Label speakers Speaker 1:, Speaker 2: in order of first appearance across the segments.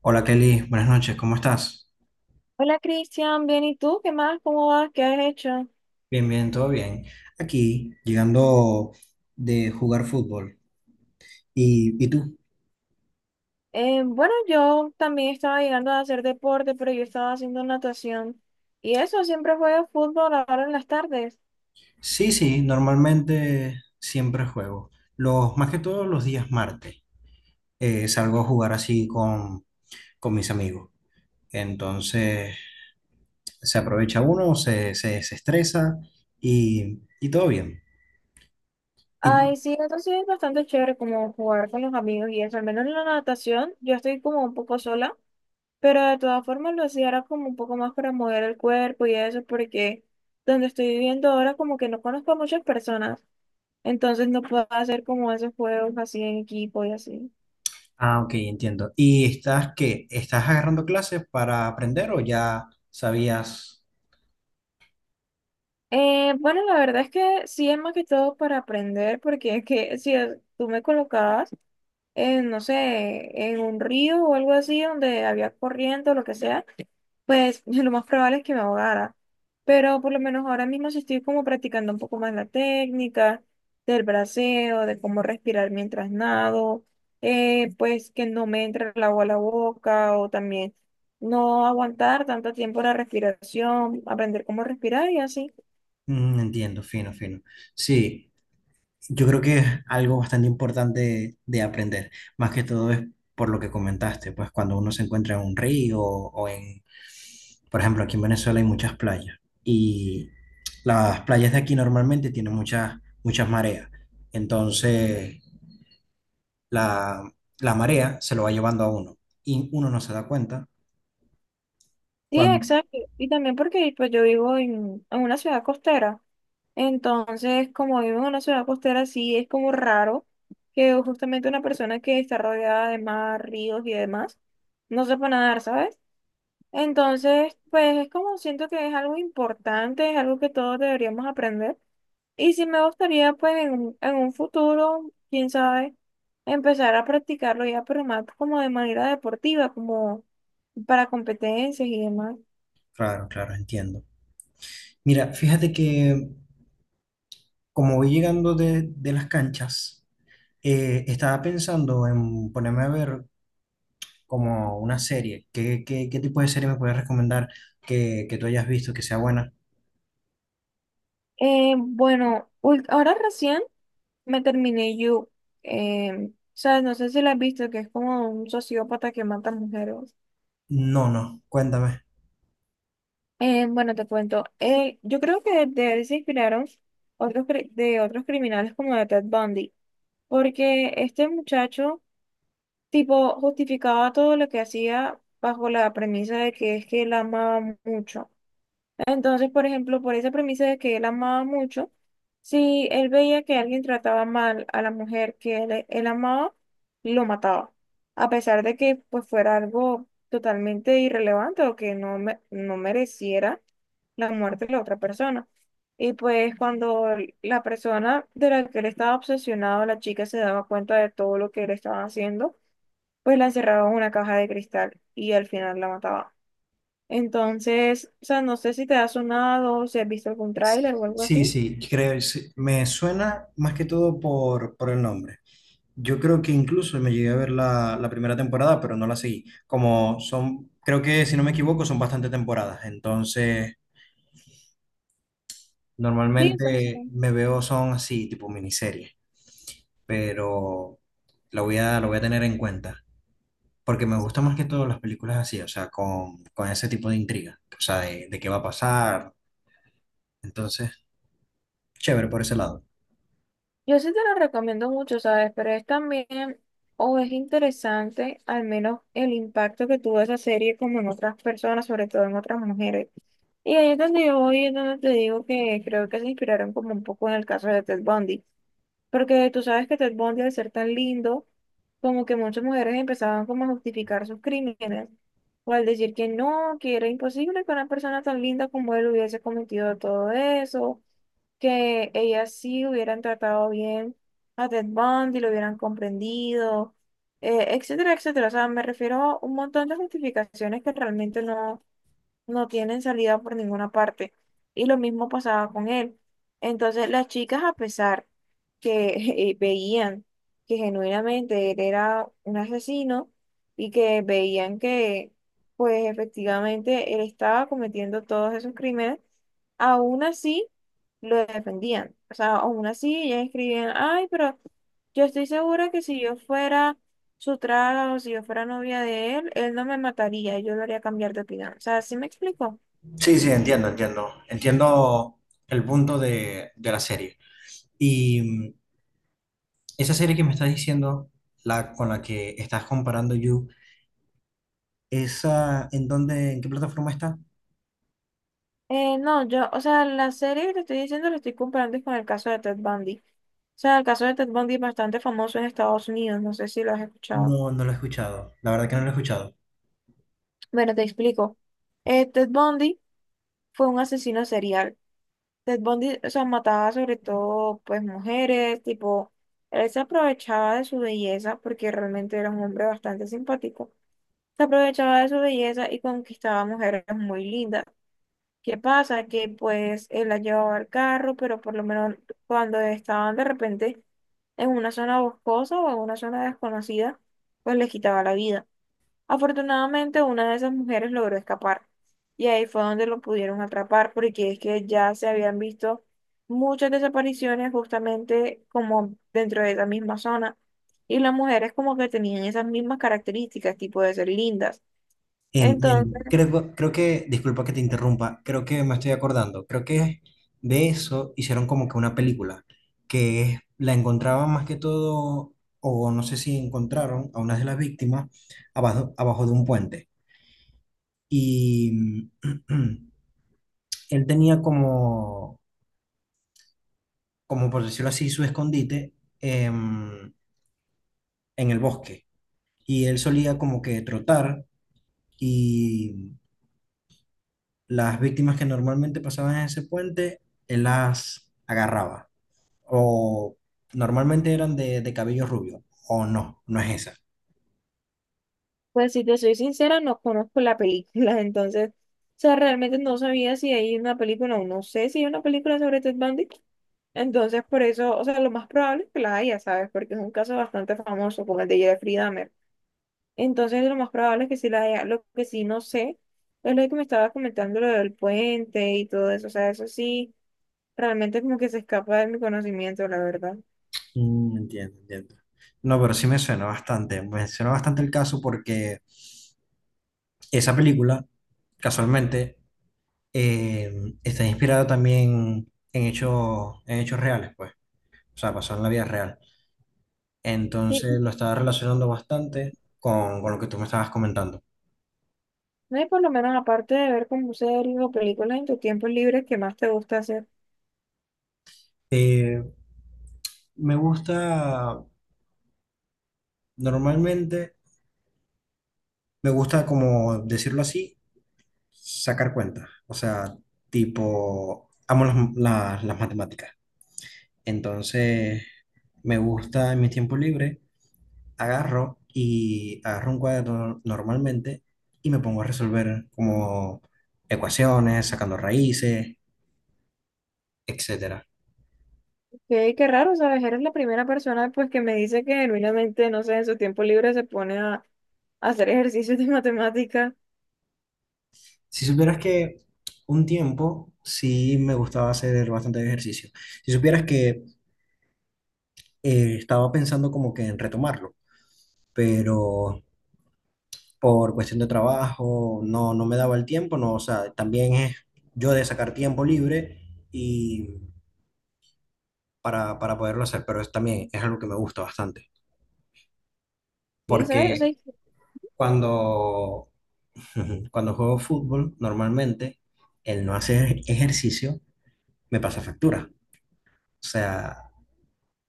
Speaker 1: Hola Kelly, buenas noches, ¿cómo estás?
Speaker 2: Hola Cristian, bien, ¿y tú? ¿Qué más? ¿Cómo vas? ¿Qué has hecho?
Speaker 1: Bien, bien, todo bien. Aquí, llegando de jugar fútbol. ¿Y tú?
Speaker 2: Bueno, yo también estaba llegando a hacer deporte, pero yo estaba haciendo natación. Y eso, siempre juego fútbol ahora en las tardes.
Speaker 1: Sí, sí, normalmente siempre juego. Más que todos los días martes salgo a jugar así con mis amigos. Entonces se aprovecha uno, se estresa y todo bien. Y,
Speaker 2: Ay, sí, eso sí es bastante chévere como jugar con los amigos y eso. Al menos en la natación, yo estoy como un poco sola, pero de todas formas lo hacía era como un poco más para mover el cuerpo y eso, porque donde estoy viviendo ahora como que no conozco a muchas personas. Entonces no puedo hacer como esos juegos así en equipo y así.
Speaker 1: ah, ok, entiendo. ¿Y estás qué? ¿Estás agarrando clases para aprender o ya sabías?
Speaker 2: Bueno, la verdad es que sí es más que todo para aprender, porque es que si es- tú me colocabas en, no sé, en un río o algo así donde había corriente o lo que sea, pues lo más probable es que me ahogara. Pero por lo menos ahora mismo sí estoy como practicando un poco más la técnica del braceo, de cómo respirar mientras nado, pues que no me entre el agua a la boca o también no aguantar tanto tiempo la respiración, aprender cómo respirar y así.
Speaker 1: Entiendo, fino, fino. Sí, yo creo que es algo bastante importante de aprender. Más que todo es por lo que comentaste, pues cuando uno se encuentra en un río o en, por ejemplo, aquí en Venezuela hay muchas playas y las playas de aquí normalmente tienen muchas, muchas mareas. Entonces, la, la marea se lo va llevando a uno y uno no se da cuenta
Speaker 2: Sí,
Speaker 1: cuando...
Speaker 2: exacto. Y también porque pues yo vivo en una ciudad costera. Entonces, como vivo en una ciudad costera, sí es como raro que justamente una persona que está rodeada de mar, ríos y demás, no sepa nadar, ¿sabes? Entonces, pues es como siento que es algo importante, es algo que todos deberíamos aprender. Y sí me gustaría, pues, en un futuro, quién sabe, empezar a practicarlo ya, pero más como de manera deportiva, como para competencias y demás.
Speaker 1: Claro, claro, entiendo. Mira, fíjate que como voy llegando de las canchas. Estaba pensando en ponerme a ver como una serie. Qué tipo de serie me puedes recomendar que tú hayas visto que sea buena?
Speaker 2: Ahora recién me terminé You. Sabes, no sé si la has visto, que es como un sociópata que mata mujeres.
Speaker 1: No, no, cuéntame.
Speaker 2: Bueno, te cuento. Yo creo que de él se inspiraron de otros criminales como de Ted Bundy, porque este muchacho, tipo, justificaba todo lo que hacía bajo la premisa de que es que él amaba mucho. Entonces, por ejemplo, por esa premisa de que él amaba mucho, si él veía que alguien trataba mal a la mujer que él amaba, lo mataba, a pesar de que pues fuera algo totalmente irrelevante o que no mereciera la muerte de la otra persona. Y pues cuando la persona de la que él estaba obsesionado, la chica se daba cuenta de todo lo que él estaba haciendo, pues la encerraba en una caja de cristal y al final la mataba. Entonces, o sea, no sé si te ha sonado, o si has visto algún tráiler o algo
Speaker 1: Sí,
Speaker 2: así.
Speaker 1: sí, creo, sí, me suena más que todo por el nombre. Yo creo que incluso me llegué a ver la primera temporada, pero no la seguí. Como son, creo que si no me equivoco, son bastante temporadas. Entonces,
Speaker 2: Sí, o
Speaker 1: normalmente me veo son así, tipo miniserie, pero la voy a tener en cuenta. Porque me
Speaker 2: sí.
Speaker 1: gustan más que todo las películas así, o sea, con ese tipo de intriga, o sea, de qué va a pasar. Entonces, chévere por ese lado.
Speaker 2: Yo sí te la recomiendo mucho, ¿sabes? Pero es también, o es interesante, al menos el impacto que tuvo esa serie como en otras personas, sobre todo en otras mujeres. Y ahí es donde yo voy, es donde te digo que creo que se inspiraron como un poco en el caso de Ted Bundy. Porque tú sabes que Ted Bundy, al ser tan lindo, como que muchas mujeres empezaban como a justificar sus crímenes, o al decir que no, que era imposible que una persona tan linda como él hubiese cometido todo eso, que ellas sí hubieran tratado bien a Ted Bundy, lo hubieran comprendido, etcétera, etcétera. O sea, me refiero a un montón de justificaciones que realmente no tienen salida por ninguna parte. Y lo mismo pasaba con él. Entonces las chicas, a pesar que veían que genuinamente él era un asesino y que veían que pues efectivamente él estaba cometiendo todos esos crímenes, aún así lo defendían. O sea, aún así ellas escribían, ay, pero yo estoy segura que si yo fuera su trato, si yo fuera novia de él, él no me mataría, yo lo haría cambiar de opinión. O sea, ¿sí me explico?
Speaker 1: Sí, sí, entiendo, entiendo. Entiendo el punto de la serie. Y mm, Esa serie que me estás diciendo, la con la que estás comparando You, ¿esa en dónde, en qué plataforma está?
Speaker 2: No, yo, o sea, la serie que te estoy diciendo la estoy comparando es con el caso de Ted Bundy. O sea, el caso de Ted Bundy es bastante famoso en Estados Unidos, no sé si lo has escuchado.
Speaker 1: No, no la he escuchado. La verdad que no la he escuchado.
Speaker 2: Bueno, te explico. Ted Bundy fue un asesino serial. Ted Bundy, o sea, mataba sobre todo, pues, mujeres, tipo, él se aprovechaba de su belleza porque realmente era un hombre bastante simpático. Se aprovechaba de su belleza y conquistaba mujeres muy lindas. ¿Qué pasa? Que pues él la llevaba al carro, pero por lo menos cuando estaban de repente en una zona boscosa o en una zona desconocida, pues les quitaba la vida. Afortunadamente, una de esas mujeres logró escapar y ahí fue donde lo pudieron atrapar porque es que ya se habían visto muchas desapariciones justamente como dentro de esa misma zona y las mujeres como que tenían esas mismas características, tipo de ser lindas. Entonces,
Speaker 1: Entiendo. Creo, creo que, disculpa que te interrumpa, creo que me estoy acordando, creo que de eso hicieron como que una película, la encontraban más que todo, o no sé si encontraron a una de las víctimas abajo, abajo de un puente. Y él tenía como, como por decirlo así, su escondite em, en el bosque. Y él solía como que trotar y las víctimas que normalmente pasaban en ese puente, él las agarraba. O normalmente eran de cabello rubio. O no, no es esa.
Speaker 2: pues si te soy sincera, no conozco la película, entonces, o sea, realmente no sabía si hay una película o no sé si hay una película sobre Ted Bundy. Entonces, por eso, o sea, lo más probable es que la haya, ¿sabes? Porque es un caso bastante famoso, como el de Jeffrey Dahmer. Entonces, lo más probable es que sí la haya. Lo que sí no sé es lo que me estaba comentando, lo del puente y todo eso. O sea, eso sí, realmente como que se escapa de mi conocimiento, la verdad.
Speaker 1: Entiendo, entiendo. No, pero sí me suena bastante. Me suena bastante el caso porque esa película, casualmente, eh, está inspirada también en hechos reales, pues. O sea, pasó en la vida real. Entonces
Speaker 2: Sí,
Speaker 1: lo estaba relacionando bastante con lo que tú me estabas comentando.
Speaker 2: no hay por lo menos aparte de ver como series o películas en tu tiempo libre, ¿qué más te gusta hacer?
Speaker 1: Eh, Me gusta. Normalmente me gusta, como decirlo así, sacar cuentas. O sea, tipo, amo las matemáticas. Entonces, me gusta en mi tiempo libre, agarro un cuaderno normalmente y me pongo a resolver como ecuaciones, sacando raíces, etcétera.
Speaker 2: Qué, qué raro, ¿sabes? Eres la primera persona pues que me dice que genuinamente, no sé, en su tiempo libre se pone a hacer ejercicios de matemática.
Speaker 1: Si supieras que un tiempo sí me gustaba hacer bastante ejercicio. Si supieras que estaba pensando como que en retomarlo, pero por cuestión de trabajo no me daba el tiempo. No, o sea, también es yo de sacar tiempo libre y para poderlo hacer, pero es también es algo que me gusta bastante,
Speaker 2: Sí, ¿sabes?
Speaker 1: porque
Speaker 2: Sí,
Speaker 1: cuando, cuando juego fútbol, normalmente el no hacer ejercicio me pasa factura, o sea,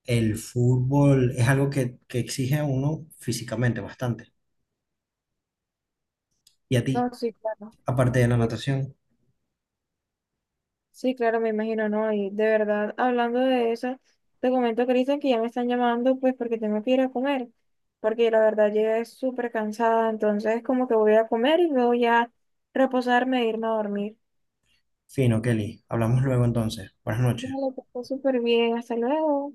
Speaker 1: el fútbol es algo que exige a uno físicamente bastante, y a
Speaker 2: no,
Speaker 1: ti,
Speaker 2: sí, claro.
Speaker 1: aparte de la
Speaker 2: Me-
Speaker 1: natación.
Speaker 2: sí, claro, me imagino, ¿no? Y de verdad, hablando de eso, te comento, Cristian, que ya me están llamando pues porque tengo que ir a comer, porque la verdad llegué súper cansada, entonces como que voy a comer y luego ya reposarme e irme a dormir.
Speaker 1: Fino, Kelly. Hablamos luego entonces. Buenas noches.
Speaker 2: Vale, que estés súper bien, hasta luego.